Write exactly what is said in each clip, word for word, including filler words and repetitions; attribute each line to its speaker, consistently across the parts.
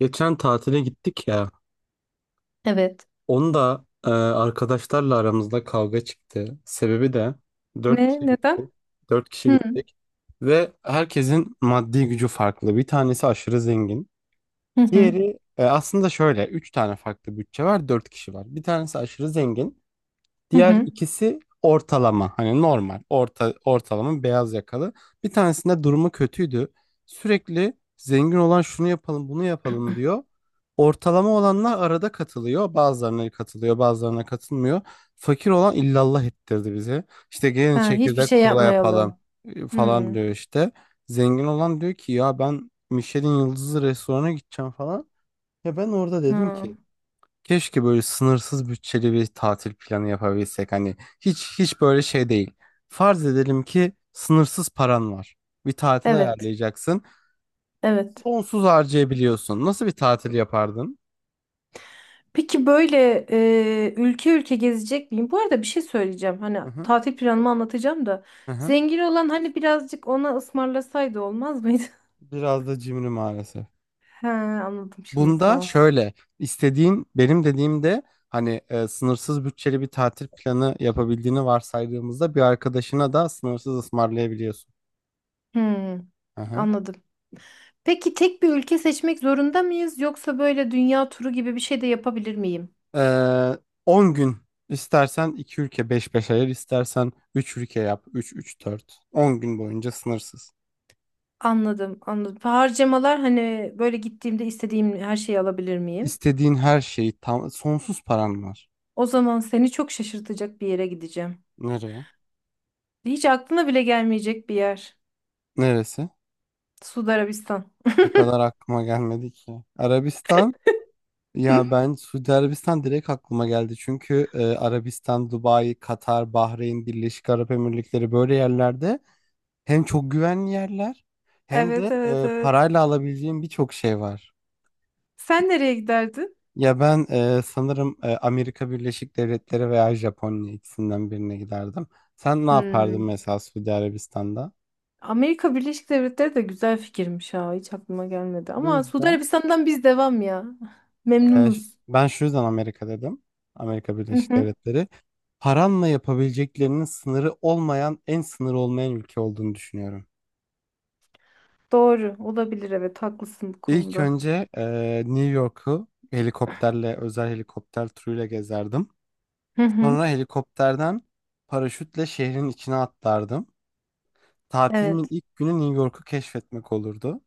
Speaker 1: Geçen tatile gittik ya.
Speaker 2: Evet.
Speaker 1: Onu da e, arkadaşlarla aramızda kavga çıktı. Sebebi de dört
Speaker 2: Ne?
Speaker 1: kişi
Speaker 2: Neden?
Speaker 1: gittik. Dört kişi
Speaker 2: Hı
Speaker 1: gittik. Ve herkesin maddi gücü farklı. Bir tanesi aşırı zengin.
Speaker 2: hı hı.
Speaker 1: Diğeri e, aslında şöyle. Üç tane farklı bütçe var. Dört kişi var. Bir tanesi aşırı zengin.
Speaker 2: Hı
Speaker 1: Diğer
Speaker 2: hı.
Speaker 1: ikisi ortalama, hani normal orta ortalama beyaz yakalı. Bir tanesinde durumu kötüydü. Sürekli zengin olan şunu yapalım bunu yapalım diyor. Ortalama olanlar arada katılıyor. Bazılarına katılıyor, bazılarına katılmıyor. Fakir olan illallah ettirdi bize. İşte gelin
Speaker 2: Ha, hiçbir
Speaker 1: çekirdek
Speaker 2: şey
Speaker 1: kola yapalım
Speaker 2: yapmayalım.
Speaker 1: e, falan
Speaker 2: Hı.
Speaker 1: diyor işte. Zengin olan diyor ki ya ben Michelin yıldızlı restorana gideceğim falan. Ya ben orada dedim
Speaker 2: Ha.
Speaker 1: ki keşke böyle sınırsız bütçeli bir tatil planı yapabilsek. Hani hiç hiç böyle şey değil. Farz edelim ki sınırsız paran var. Bir tatil
Speaker 2: Evet.
Speaker 1: ayarlayacaksın.
Speaker 2: Evet.
Speaker 1: Sonsuz harcayabiliyorsun. Nasıl bir tatil yapardın?
Speaker 2: Peki böyle e, ülke ülke gezecek miyim? Bu arada bir şey söyleyeceğim. Hani
Speaker 1: Hı hı,
Speaker 2: tatil planımı anlatacağım da.
Speaker 1: hı hı.
Speaker 2: Zengin olan hani birazcık ona ısmarlasaydı olmaz mıydı?
Speaker 1: Biraz da cimri maalesef.
Speaker 2: He, anladım şimdi
Speaker 1: Bunda
Speaker 2: tamam.
Speaker 1: şöyle istediğin benim dediğimde hani e, sınırsız bütçeli bir tatil planı yapabildiğini varsaydığımızda bir arkadaşına da sınırsız ısmarlayabiliyorsun.
Speaker 2: Hı.
Speaker 1: Aha.
Speaker 2: Anladım. Peki tek bir ülke seçmek zorunda mıyız yoksa böyle dünya turu gibi bir şey de yapabilir miyim?
Speaker 1: Ee, on gün istersen iki ülke beş beş ayır, istersen üç ülke yap üç üç dört on gün boyunca sınırsız.
Speaker 2: Anladım, anladım. Harcamalar hani böyle gittiğimde istediğim her şeyi alabilir miyim?
Speaker 1: İstediğin her şeyi tam sonsuz paran var.
Speaker 2: O zaman seni çok şaşırtacak bir yere gideceğim.
Speaker 1: Nereye?
Speaker 2: Hiç aklına bile gelmeyecek bir yer.
Speaker 1: Neresi?
Speaker 2: Suudi Arabistan.
Speaker 1: O kadar aklıma gelmedi ki. Arabistan,
Speaker 2: Hı?
Speaker 1: ya ben Suudi Arabistan direkt aklıma geldi. Çünkü e, Arabistan, Dubai, Katar, Bahreyn, Birleşik Arap Emirlikleri böyle yerlerde hem çok güvenli yerler hem
Speaker 2: Evet,
Speaker 1: de
Speaker 2: evet,
Speaker 1: e,
Speaker 2: evet.
Speaker 1: parayla alabileceğin birçok şey var.
Speaker 2: Sen nereye giderdin?
Speaker 1: Ya ben e, sanırım e, Amerika Birleşik Devletleri veya Japonya ikisinden birine giderdim. Sen ne yapardın
Speaker 2: Hmm.
Speaker 1: mesela Suudi Arabistan'da?
Speaker 2: Amerika Birleşik Devletleri de güzel fikirmiş ha. Hiç aklıma gelmedi.
Speaker 1: Bu
Speaker 2: Ama Suudi
Speaker 1: yüzden
Speaker 2: Arabistan'dan biz devam ya.
Speaker 1: E, ş-
Speaker 2: Memnunuz.
Speaker 1: ben şu yüzden Amerika dedim. Amerika
Speaker 2: Hı
Speaker 1: Birleşik
Speaker 2: hı.
Speaker 1: Devletleri. Paranla yapabileceklerinin sınırı olmayan, en sınırı olmayan ülke olduğunu düşünüyorum.
Speaker 2: Doğru. Olabilir evet. Haklısın bu
Speaker 1: İlk
Speaker 2: konuda.
Speaker 1: önce e, New York'u helikopterle, özel helikopter turuyla gezerdim.
Speaker 2: Hı hı.
Speaker 1: Sonra helikopterden paraşütle şehrin içine atlardım. Tatilimin
Speaker 2: Evet.
Speaker 1: ilk günü New York'u keşfetmek olurdu.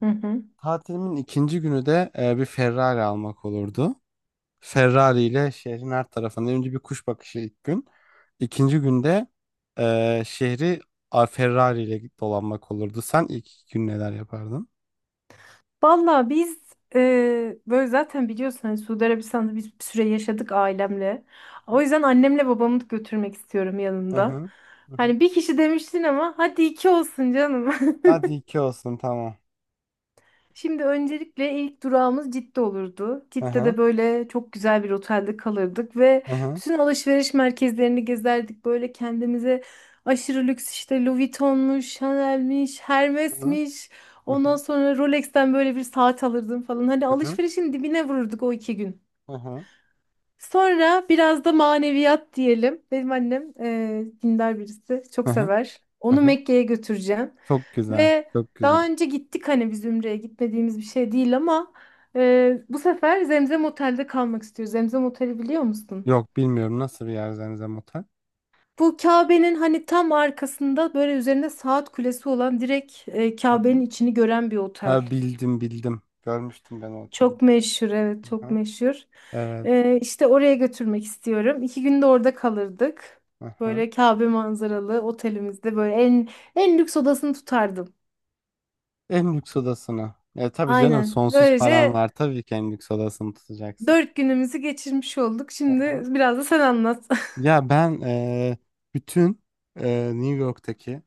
Speaker 2: Hı hı.
Speaker 1: Tatilimin ikinci günü de e, bir Ferrari almak olurdu. Ferrari ile şehrin her tarafında önce bir kuş bakışı ilk gün. İkinci günde e, şehri a, Ferrari ile dolanmak olurdu. Sen ilk iki gün neler yapardın?
Speaker 2: Valla biz e, böyle zaten biliyorsun hani Suudi Arabistan'da biz bir süre yaşadık ailemle. O yüzden annemle babamı da götürmek istiyorum
Speaker 1: Hı
Speaker 2: yanımda.
Speaker 1: hı. Hı hı.
Speaker 2: Hani bir kişi demiştin ama hadi iki olsun canım.
Speaker 1: Hadi iki olsun, tamam.
Speaker 2: Şimdi öncelikle ilk durağımız Cidde olurdu.
Speaker 1: Hı
Speaker 2: Cidde'de
Speaker 1: hı.
Speaker 2: böyle çok güzel bir otelde kalırdık ve
Speaker 1: Hı hı.
Speaker 2: bütün alışveriş merkezlerini gezerdik. Böyle kendimize aşırı lüks işte Louis Vuitton'muş, Chanel'miş,
Speaker 1: Hı hı.
Speaker 2: Hermes'miş.
Speaker 1: Hı
Speaker 2: Ondan
Speaker 1: hı.
Speaker 2: sonra Rolex'ten böyle bir saat alırdım falan. Hani
Speaker 1: Hı hı.
Speaker 2: alışverişin dibine vururduk o iki gün.
Speaker 1: Hı hı.
Speaker 2: Sonra biraz da maneviyat diyelim. Benim annem eee, dindar birisi. Çok
Speaker 1: Hı hı.
Speaker 2: sever.
Speaker 1: Hı
Speaker 2: Onu
Speaker 1: hı.
Speaker 2: Mekke'ye götüreceğim.
Speaker 1: Çok güzel.
Speaker 2: Ve
Speaker 1: Çok
Speaker 2: daha
Speaker 1: güzel.
Speaker 2: önce gittik hani biz Ümre'ye gitmediğimiz bir şey değil ama e, bu sefer Zemzem Otel'de kalmak istiyoruz. Zemzem Otel'i biliyor musun?
Speaker 1: Yok bilmiyorum nasıl bir yer Zemzem Otel.
Speaker 2: Bu Kabe'nin hani tam arkasında böyle üzerinde saat kulesi olan direkt e,
Speaker 1: Hı hı.
Speaker 2: Kabe'nin içini gören bir otel.
Speaker 1: Ha, bildim bildim. Görmüştüm ben o oteli.
Speaker 2: Çok meşhur, evet, çok
Speaker 1: Hı-hı.
Speaker 2: meşhur.
Speaker 1: Evet.
Speaker 2: E, işte oraya götürmek istiyorum. İki günde orada kalırdık.
Speaker 1: Hı-hı.
Speaker 2: Böyle Kabe manzaralı otelimizde böyle en en lüks odasını tutardım.
Speaker 1: En lüks odasını. E, tabii canım
Speaker 2: Aynen.
Speaker 1: sonsuz paran
Speaker 2: Böylece
Speaker 1: var. Tabii ki en lüks odasını tutacaksın.
Speaker 2: dört günümüzü geçirmiş olduk. Şimdi
Speaker 1: Hı-hı.
Speaker 2: biraz da sen anlat.
Speaker 1: Ya ben e, bütün e, New York'taki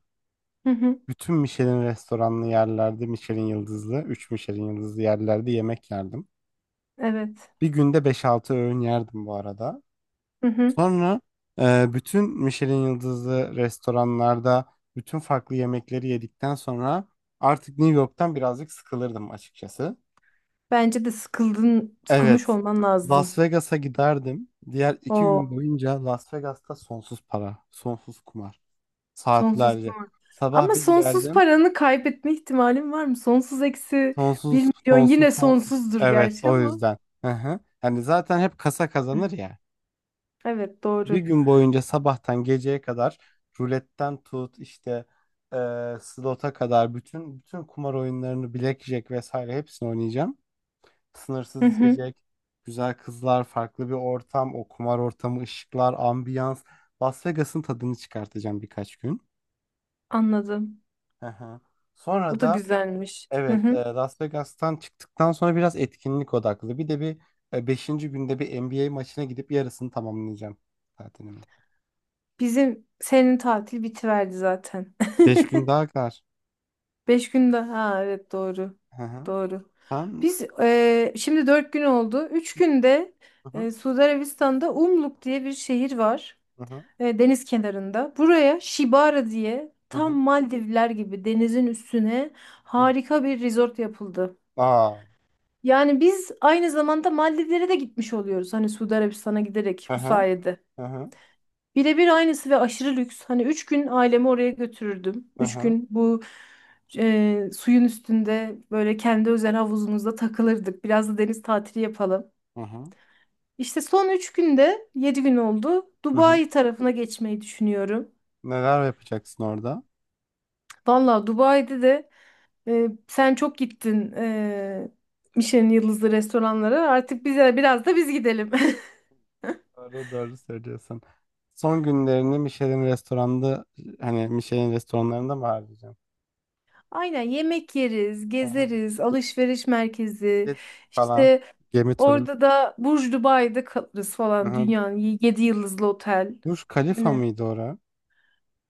Speaker 2: Hı hı,
Speaker 1: bütün Michelin restoranlı yerlerde Michelin yıldızlı, üç Michelin yıldızlı yerlerde yemek yerdim.
Speaker 2: evet.
Speaker 1: Bir günde beş altı öğün yerdim bu arada.
Speaker 2: Hı hı.
Speaker 1: Sonra e, bütün Michelin yıldızlı restoranlarda bütün farklı yemekleri yedikten sonra artık New York'tan birazcık sıkılırdım açıkçası.
Speaker 2: Bence de sıkıldın, sıkılmış
Speaker 1: Evet,
Speaker 2: olman lazım.
Speaker 1: Las Vegas'a giderdim. Diğer iki gün
Speaker 2: O
Speaker 1: boyunca Las Vegas'ta sonsuz para, sonsuz kumar.
Speaker 2: sonsuz
Speaker 1: Saatlerce.
Speaker 2: kumar.
Speaker 1: Sabah
Speaker 2: Ama
Speaker 1: bir
Speaker 2: sonsuz
Speaker 1: girerdim.
Speaker 2: paranı kaybetme ihtimalin var mı? Sonsuz eksi bir
Speaker 1: Sonsuz,
Speaker 2: milyon yine
Speaker 1: sonsuz, son-
Speaker 2: sonsuzdur
Speaker 1: Evet,
Speaker 2: gerçi
Speaker 1: o
Speaker 2: ama.
Speaker 1: yüzden. Hı hı. Yani zaten hep kasa kazanır ya.
Speaker 2: Evet,
Speaker 1: Bir
Speaker 2: doğru.
Speaker 1: gün boyunca sabahtan geceye kadar ruletten tut işte e, slota kadar bütün bütün kumar oyunlarını, blackjack vesaire hepsini oynayacağım.
Speaker 2: Hı
Speaker 1: Sınırsız
Speaker 2: hı,
Speaker 1: içecek, güzel kızlar, farklı bir ortam, o kumar ortamı, ışıklar, ambiyans. Las Vegas'ın tadını çıkartacağım birkaç gün.
Speaker 2: anladım.
Speaker 1: Hı hı.
Speaker 2: O
Speaker 1: Sonra
Speaker 2: da
Speaker 1: da
Speaker 2: güzelmiş. Hı
Speaker 1: evet, e,
Speaker 2: hı.
Speaker 1: Las Vegas'tan çıktıktan sonra biraz etkinlik odaklı. Bir de bir e, beşinci günde bir N B A maçına gidip yarısını tamamlayacağım tatilimi.
Speaker 2: Bizim senin tatil bitiverdi zaten.
Speaker 1: Beş gün daha kar.
Speaker 2: Beş gün daha. Ha, evet, doğru.
Speaker 1: Hı hı.
Speaker 2: Doğru.
Speaker 1: Sen...
Speaker 2: Biz eee, şimdi dört gün oldu. Üç günde
Speaker 1: Hı
Speaker 2: eee
Speaker 1: hı,
Speaker 2: Suudi Arabistan'da Umluk diye bir şehir var.
Speaker 1: hı hı,
Speaker 2: eee, deniz kenarında. Buraya Shibara diye
Speaker 1: hı
Speaker 2: tam
Speaker 1: hı,
Speaker 2: Maldivler gibi denizin üstüne
Speaker 1: hı hı.
Speaker 2: harika bir resort yapıldı.
Speaker 1: Aa.
Speaker 2: Yani biz aynı zamanda Maldivlere de gitmiş oluyoruz. Hani Suudi Arabistan'a giderek
Speaker 1: Hı
Speaker 2: bu
Speaker 1: hı,
Speaker 2: sayede.
Speaker 1: hı hı,
Speaker 2: Birebir aynısı ve aşırı lüks. Hani üç gün ailemi oraya götürürdüm.
Speaker 1: hı
Speaker 2: Üç
Speaker 1: hı,
Speaker 2: gün bu e, suyun üstünde böyle kendi özel havuzumuzda takılırdık. Biraz da deniz tatili yapalım.
Speaker 1: hı hı,
Speaker 2: İşte son üç günde yedi gün oldu.
Speaker 1: hı hı.
Speaker 2: Dubai tarafına geçmeyi düşünüyorum.
Speaker 1: Neler yapacaksın orada?
Speaker 2: Valla Dubai'de de e, sen çok gittin e, Michelin yıldızlı restoranlara. Artık bize biraz da biz gidelim.
Speaker 1: Doğru doğru söylüyorsun. Son günlerini Michelin restoranda hani Michelin restoranlarında mı harcayacaksın?
Speaker 2: Aynen, yemek yeriz,
Speaker 1: Hı hı.
Speaker 2: gezeriz, alışveriş merkezi.
Speaker 1: Jet falan.
Speaker 2: İşte
Speaker 1: Gemi turu.
Speaker 2: orada da Burj Dubai'de kalırız
Speaker 1: Hı
Speaker 2: falan,
Speaker 1: hı.
Speaker 2: dünyanın yedi yıldızlı otel.
Speaker 1: Burj Khalifa
Speaker 2: Hani
Speaker 1: mıydı orası?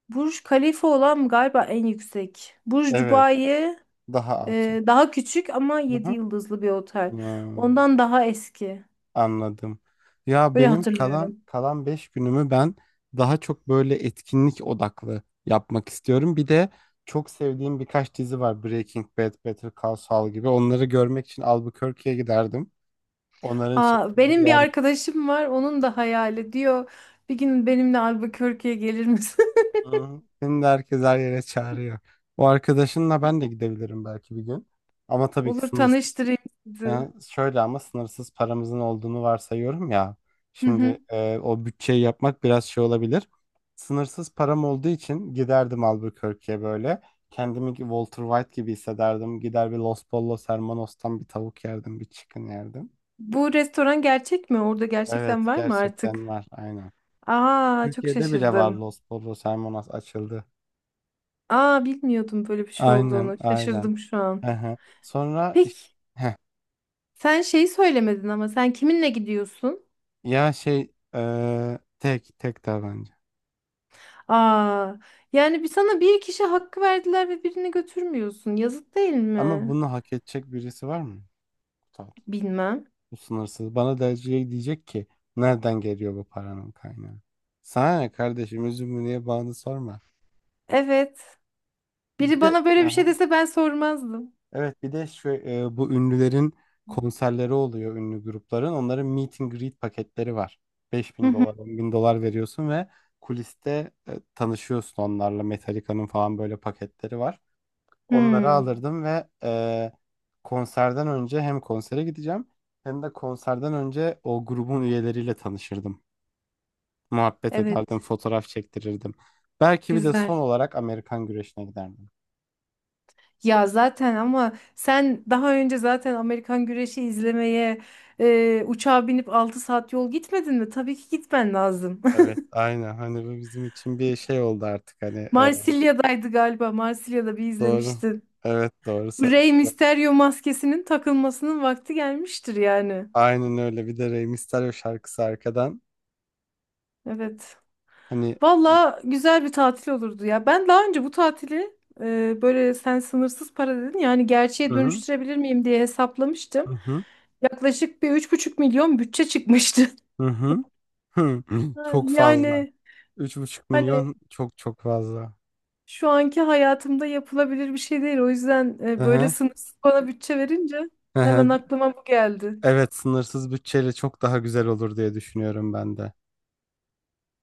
Speaker 2: Burj Khalifa olan galiba en yüksek. Burj
Speaker 1: Evet.
Speaker 2: Dubai
Speaker 1: Daha alçak.
Speaker 2: e, daha küçük ama
Speaker 1: Hı
Speaker 2: yedi
Speaker 1: hı.
Speaker 2: yıldızlı bir otel.
Speaker 1: Hmm.
Speaker 2: Ondan daha eski.
Speaker 1: Anladım. Ya
Speaker 2: Öyle
Speaker 1: benim kalan
Speaker 2: hatırlıyorum.
Speaker 1: kalan beş günümü ben daha çok böyle etkinlik odaklı yapmak istiyorum. Bir de çok sevdiğim birkaç dizi var. Breaking Bad, Better Call Saul gibi. Onları görmek için Albuquerque'ye giderdim. Onların
Speaker 2: Aa,
Speaker 1: çekildiği
Speaker 2: benim bir
Speaker 1: yer.
Speaker 2: arkadaşım var. Onun da hayali diyor. Bir gün benimle Albuquerque'ye gelir misin?
Speaker 1: Hı, şimdi herkes her yere çağırıyor. O arkadaşınla ben de gidebilirim belki bir gün. Ama tabii ki
Speaker 2: Olur,
Speaker 1: sınırsız.
Speaker 2: tanıştırayım sizi.
Speaker 1: Ha, şöyle ama sınırsız paramızın olduğunu varsayıyorum ya.
Speaker 2: Hı
Speaker 1: Şimdi
Speaker 2: hı.
Speaker 1: e, o bütçeyi yapmak biraz şey olabilir. Sınırsız param olduğu için giderdim Albuquerque'ye böyle. Kendimi ki Walter White gibi hissederdim. Gider bir Los Pollos Hermanos'tan bir tavuk yerdim, bir chicken yerdim.
Speaker 2: Bu restoran gerçek mi? Orada
Speaker 1: Evet,
Speaker 2: gerçekten var mı artık?
Speaker 1: gerçekten var, aynen.
Speaker 2: Aa, çok
Speaker 1: Türkiye'de bile var,
Speaker 2: şaşırdım.
Speaker 1: Los Pollos Hermanos açıldı.
Speaker 2: Aa, bilmiyordum böyle bir şey
Speaker 1: Aynen,
Speaker 2: olduğunu.
Speaker 1: aynen.
Speaker 2: Şaşırdım şu an.
Speaker 1: Hı hı. Sonra iş-
Speaker 2: Peki
Speaker 1: heh,
Speaker 2: sen şeyi söylemedin ama sen kiminle gidiyorsun?
Speaker 1: ya şey, e, tek tek tabanca.
Speaker 2: Aa, yani bir sana bir kişi hakkı verdiler ve birini götürmüyorsun. Yazık değil
Speaker 1: Ama
Speaker 2: mi?
Speaker 1: bunu hak edecek birisi var mı? Kutsal.
Speaker 2: Bilmem.
Speaker 1: Bu sınırsız. Bana da şey diyecek ki nereden geliyor bu paranın kaynağı? Sana ne kardeşim, üzümü niye bağını sorma.
Speaker 2: Evet. Biri
Speaker 1: Bir de
Speaker 2: bana böyle bir şey
Speaker 1: aha,
Speaker 2: dese ben sormazdım.
Speaker 1: evet, bir de şu, e, bu ünlülerin konserleri oluyor, ünlü grupların. Onların meet and greet paketleri var. beş
Speaker 2: Hı
Speaker 1: bin
Speaker 2: hı.
Speaker 1: dolar on bin dolar veriyorsun ve kuliste e, tanışıyorsun onlarla. Metallica'nın falan böyle paketleri var. Onları
Speaker 2: Hmm,
Speaker 1: alırdım ve e, konserden önce hem konsere gideceğim hem de konserden önce o grubun üyeleriyle tanışırdım. Muhabbet ederdim,
Speaker 2: evet,
Speaker 1: fotoğraf çektirirdim. Belki bir de
Speaker 2: güzel.
Speaker 1: son olarak Amerikan güreşine giderdim.
Speaker 2: Ya zaten ama sen daha önce zaten Amerikan güreşi izlemeye e, uçağa binip altı saat yol gitmedin mi? Tabii ki gitmen lazım.
Speaker 1: Evet, aynen. Hani bu bizim için bir şey oldu artık. Hani e,
Speaker 2: Marsilya'daydı galiba. Marsilya'da bir
Speaker 1: doğru.
Speaker 2: izlemiştin.
Speaker 1: Evet, doğru. Sa-
Speaker 2: Rey Mysterio maskesinin takılmasının vakti gelmiştir yani.
Speaker 1: Aynen öyle. Bir de Rey Mysterio şarkısı arkadan.
Speaker 2: Evet.
Speaker 1: Hani.
Speaker 2: Valla güzel bir tatil olurdu ya. Ben daha önce bu tatili e, böyle sen sınırsız para dedin yani gerçeğe
Speaker 1: Hı hı,
Speaker 2: dönüştürebilir miyim diye hesaplamıştım.
Speaker 1: hı hı,
Speaker 2: Yaklaşık bir üç buçuk milyon bütçe çıkmıştı.
Speaker 1: hı hı. Hı.
Speaker 2: Ha,
Speaker 1: Çok fazla.
Speaker 2: yani
Speaker 1: Üç buçuk
Speaker 2: hani
Speaker 1: milyon çok çok fazla.
Speaker 2: şu anki hayatımda yapılabilir bir şey değil. O yüzden e,
Speaker 1: Hı
Speaker 2: böyle
Speaker 1: hı,
Speaker 2: sınırsız bana bütçe verince
Speaker 1: hı
Speaker 2: hemen
Speaker 1: hı.
Speaker 2: aklıma bu geldi.
Speaker 1: Evet, sınırsız bütçeyle çok daha güzel olur diye düşünüyorum ben de.